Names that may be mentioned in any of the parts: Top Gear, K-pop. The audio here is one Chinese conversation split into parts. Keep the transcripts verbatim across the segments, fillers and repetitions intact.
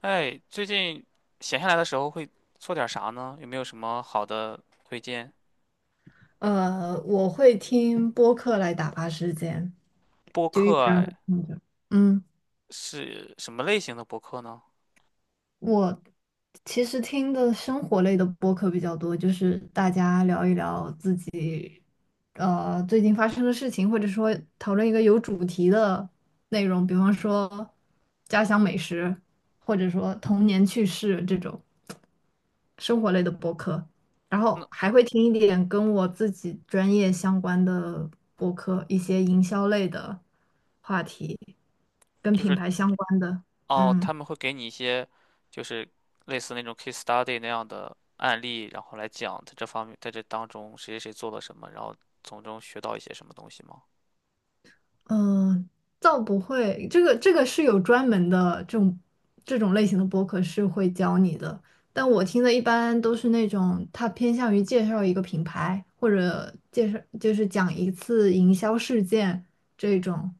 哎，最近闲下来的时候会做点啥呢？有没有什么好的推荐？呃，我会听播客来打发时间，播就一客直让啊它放着。嗯，是什么类型的播客呢？我其实听的生活类的播客比较多，就是大家聊一聊自己呃最近发生的事情，或者说讨论一个有主题的内容，比方说家乡美食，或者说童年趣事这种。生活类的播客，然后那还会听一点跟我自己专业相关的播客，一些营销类的话题，跟就品是牌相关的。哦，嗯他们会给你一些就是类似那种 case study 那样的案例，然后来讲在这方面，在这当中谁谁谁做了什么，然后从中学到一些什么东西吗？嗯，呃倒不会，这个这个是有专门的这种这种类型的播客是会教你的，但我听的一般都是那种他偏向于介绍一个品牌，或者介绍就是讲一次营销事件这种。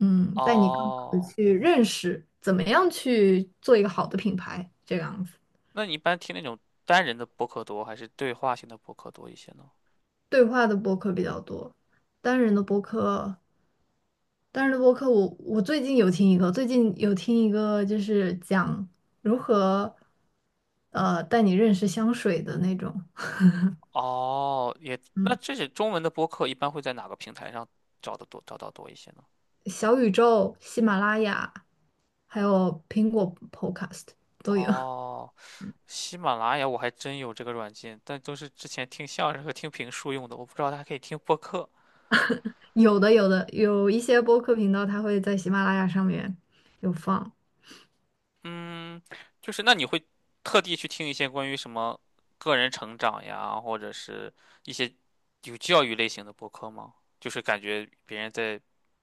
嗯，带你更好的哦，去认识怎么样去做一个好的品牌，这个样子。那你一般听那种单人的播客多，还是对话性的播客多一些呢？对话的播客比较多，单人的播客，单人的播客我我最近有听一个，最近有听一个就是讲如何呃带你认识香水的那种。哦，也，那嗯，这些中文的播客一般会在哪个平台上找的多，找到多一些呢？小宇宙、喜马拉雅，还有苹果 Podcast 都有。哦，喜马拉雅我还真有这个软件，但都是之前听相声和听评书用的，我不知道它还可以听播客。有的有的有一些播客频道它会在喜马拉雅上面有放。嗯，就是那你会特地去听一些关于什么个人成长呀，或者是一些有教育类型的播客吗？就是感觉别人在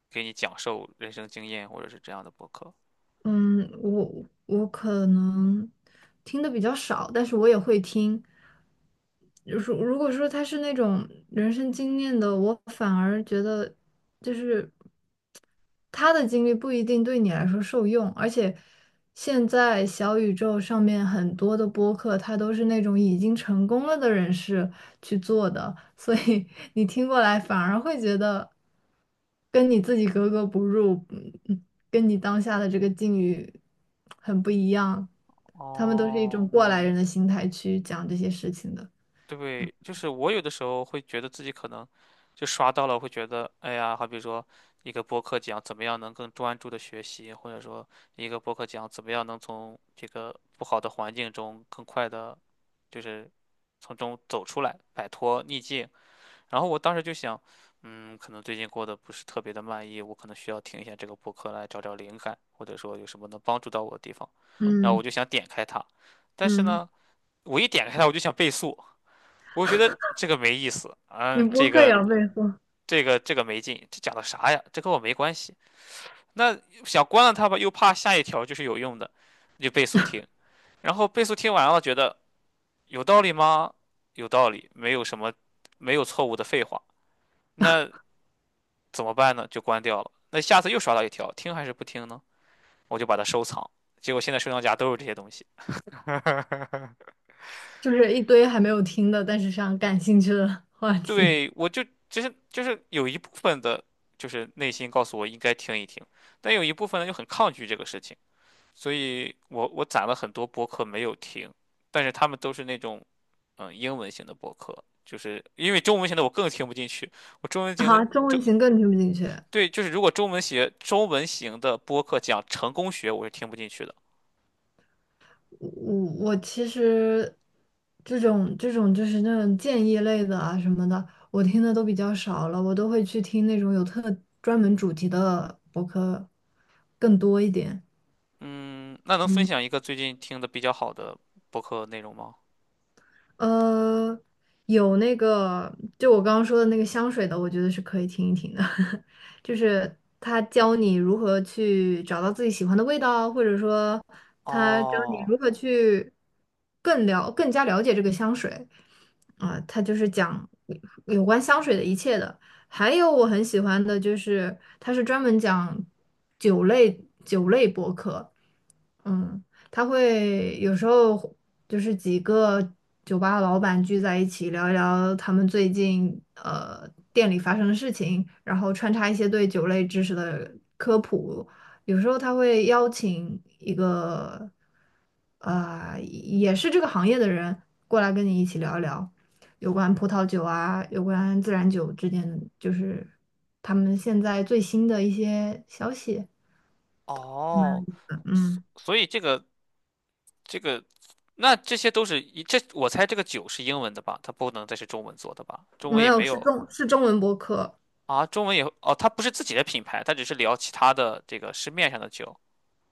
给你讲授人生经验，或者是这样的播客。嗯，我我可能听的比较少，但是我也会听。就是如果说他是那种人生经验的，我反而觉得就是他的经历不一定对你来说受用，而且现在小宇宙上面很多的播客，它都是那种已经成功了的人士去做的，所以 你听过来反而会觉得跟你自己格格不入，嗯跟你当下的这个境遇很不一样。他们都是一哦，种过来人的心态去讲这些事情的。对，就是我有的时候会觉得自己可能就刷到了，会觉得哎呀，好比说一个播客讲怎么样能更专注的学习，或者说一个播客讲怎么样能从这个不好的环境中更快的，就是从中走出来，摆脱逆境。然后我当时就想，嗯，可能最近过得不是特别的满意，我可能需要听一下这个播客来找找灵感，或者说有什么能帮助到我的地方。然后嗯我就想点开它，但是嗯，呢，我一点开它我就想倍速。我觉得这个没意思，你嗯，这播客也个要备货，这个这个没劲，这讲的啥呀？这跟我没关系。那想关了它吧，又怕下一条就是有用的，你就倍速听，然后倍速听完了，觉得有道理吗？有道理，没有什么没有错误的废话。那怎么办呢？就关掉了。那下次又刷到一条，听还是不听呢？我就把它收藏。结果现在收藏夹都是这些东西。就是一堆还没有听的，但是想感兴趣的话题。对，我就其实就是有一部分的，就是内心告诉我应该听一听，但有一部分呢就很抗拒这个事情，所以我我攒了很多播客没有听，但是他们都是那种嗯英文型的播客，就是因为中文型的我更听不进去，我中文型的啊，中就文型更听不进去。对，就是如果中文学中文型的播客讲成功学，我是听不进去的。我我其实这种这种就是那种建议类的啊什么的，我听的都比较少了，我都会去听那种有特专门主题的博客更多一点。嗯，那能分嗯。享一个最近听的比较好的播客内容吗？呃，有那个，就我刚刚说的那个香水的，我觉得是可以听一听的。就是他教你如何去找到自己喜欢的味道，或者说他教你哦如何去更了更加了解这个香水，啊、他就是讲有关香水的一切的。还有我很喜欢的就是，他是专门讲酒类酒类博客。嗯。他会有时候就是几个酒吧老板聚在一起聊一聊他们最近呃店里发生的事情，然后穿插一些对酒类知识的科普。有时候他会邀请一个呃也是这个行业的人过来跟你一起聊一聊有关葡萄酒啊，有关自然酒之间的就是他们现在最新的一些消息。哦，所嗯，所以这个。这个，那这些都是一这，我猜这个酒是英文的吧？它不能再是中文做的吧？中文没也有，没是有中是中文播客。啊，中文也哦，它不是自己的品牌，它只是聊其他的这个市面上的酒。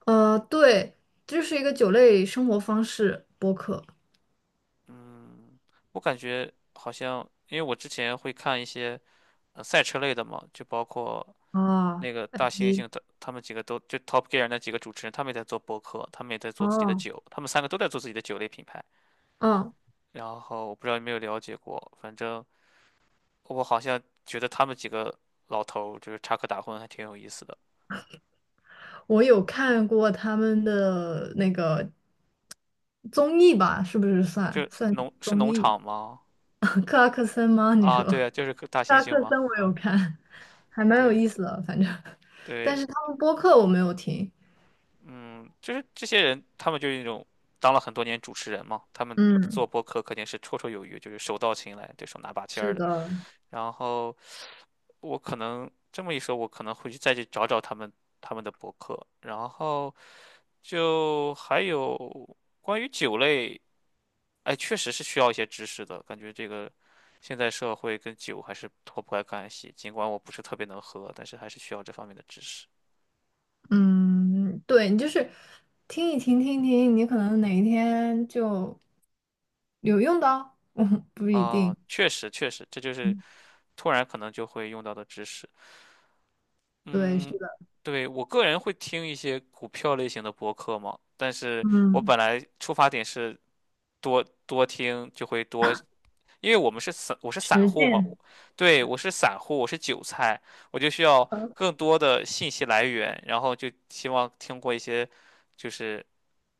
呃，对，就是一个酒类生活方式播客嗯，我感觉好像，因为我之前会看一些呃赛车类的嘛，就包括啊。那个大猩你猩的，他们几个都就 Top Gear 那几个主持人，他们也在做播客，他们也在做自己的哦，酒，他们三个都在做自己的酒类品牌。嗯，然后我不知道有没有了解过，反正我好像觉得他们几个老头儿就是插科打诨，还挺有意思的。我有看过他们的那个综艺吧，是不是就算算农是综农艺？场吗？克拉克森吗？你啊，说克对啊，就是个大猩拉猩克吗？森我有看，还蛮有对意思的，反正。但对，是他们播客我没有听。嗯，就是这些人，他们就是那种当了很多年主持人嘛，他们嗯，做播客肯定是绰绰有余，就是手到擒来，对手拿把掐是儿的。的。然后我可能这么一说，我可能会去再去找找他们他们的博客。然后就还有关于酒类，哎，确实是需要一些知识的，感觉这个现在社会跟酒还是脱不开干系。尽管我不是特别能喝，但是还是需要这方面的知识。嗯，对，你就是听一听，听一听，你可能哪一天就有用的哦。嗯，不一啊，定。确实确实，这就是嗯，突然可能就会用到的知识。对，是嗯，的，对，我个人会听一些股票类型的播客嘛，但是我嗯，本来出发点是多多听，就会多因为我们是散，我是散实户嘛，践，我对，我是散户，我是韭菜，我就需要更多的信息来源，然后就希望听过一些就是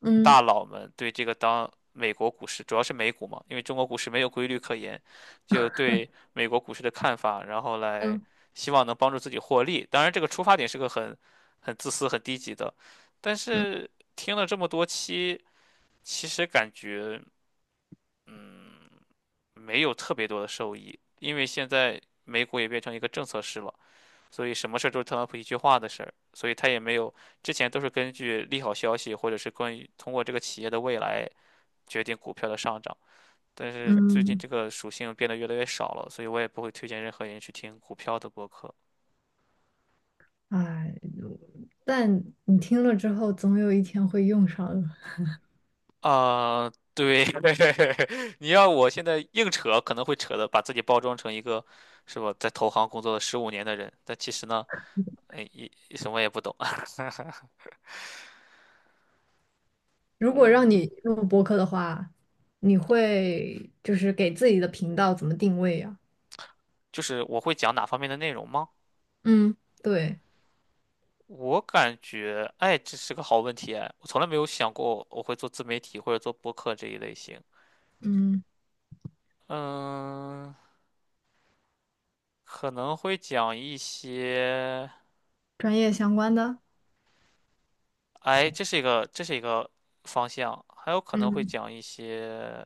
嗯大佬们对这个当美国股市，主要是美股嘛，因为中国股市没有规律可言，就对美国股市的看法，然后来嗯希望能帮助自己获利。当然，这个出发点是个很很自私、很低级的，但嗯是听了这么多期，其实感觉。没有特别多的收益，因为现在美股也变成一个政策市了，所以什么事儿都是特朗普一句话的事儿，所以他也没有，之前都是根据利好消息或者是关于通过这个企业的未来决定股票的上涨，但是最近嗯。这个属性变得越来越少了，所以我也不会推荐任何人去听股票的播客。哎，但你听了之后，总有一天会用上的。啊、对，你要我现在硬扯，可能会扯的把自己包装成一个，是吧，在投行工作了十五年的人，但其实呢，哎，一什么也不懂。如 果让嗯。你录播客的话，你会就是给自己的频道怎么定位呀？就是我会讲哪方面的内容吗？嗯，对，我感觉，哎，这是个好问题哎，我从来没有想过我会做自媒体或者做播客这一类型。嗯，嗯，可能会讲一些，专业相关的，哎，这是一个这是一个方向，还有可能会嗯，讲一些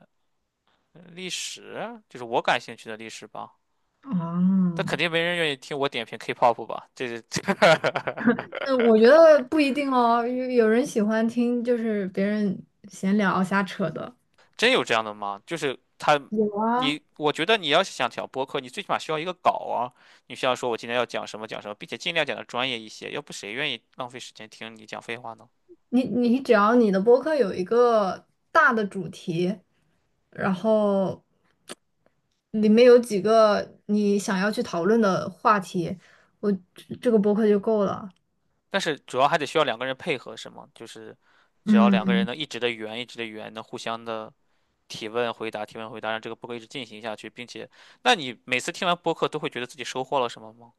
历史，就是我感兴趣的历史吧。但哦。肯定没人愿意听我点评 K-pop 吧？这这这 嗯，我觉得不一定哦，有有人喜欢听就是别人闲聊瞎扯的。真有这样的吗？就是他，有啊，你，我觉得你要是想讲播客，你最起码需要一个稿啊。你需要说我今天要讲什么讲什么，并且尽量讲的专业一些，要不谁愿意浪费时间听你讲废话呢？你你只要你的播客有一个大的主题，然后里面有几个你想要去讨论的话题，我这这个播客就够了。但是主要还得需要两个人配合，是吗？就是只要两个人嗯，能一直的圆，一直的圆，能互相的提问回答，提问回答，让这个播客一直进行下去，并且，那你每次听完播客都会觉得自己收获了什么吗？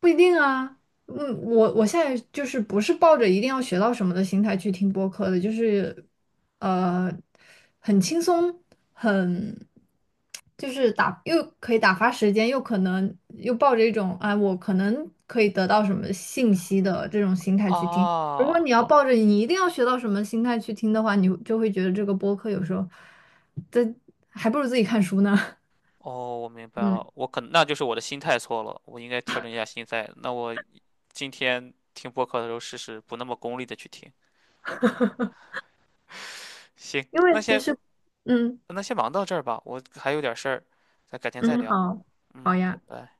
不一定啊。嗯，我我现在就是不是抱着一定要学到什么的心态去听播客的，就是呃，很轻松，很就是打又可以打发时间，又可能又抱着一种啊，我可能可以得到什么信息的这种心态去听。如果啊，你要抱着你一定要学到什么心态去听的话，你就会觉得这个播客有时候，这还不如自己看书呢。哦，我明白嗯，了，我可能那就是我的心态错了，我应该调整一下心态。那我今天听播客的时候试试不那么功利的去听。行，因那为其先实，嗯那先忙到这儿吧，我还有点事儿，咱改天再嗯，聊。好，好嗯，拜呀。拜。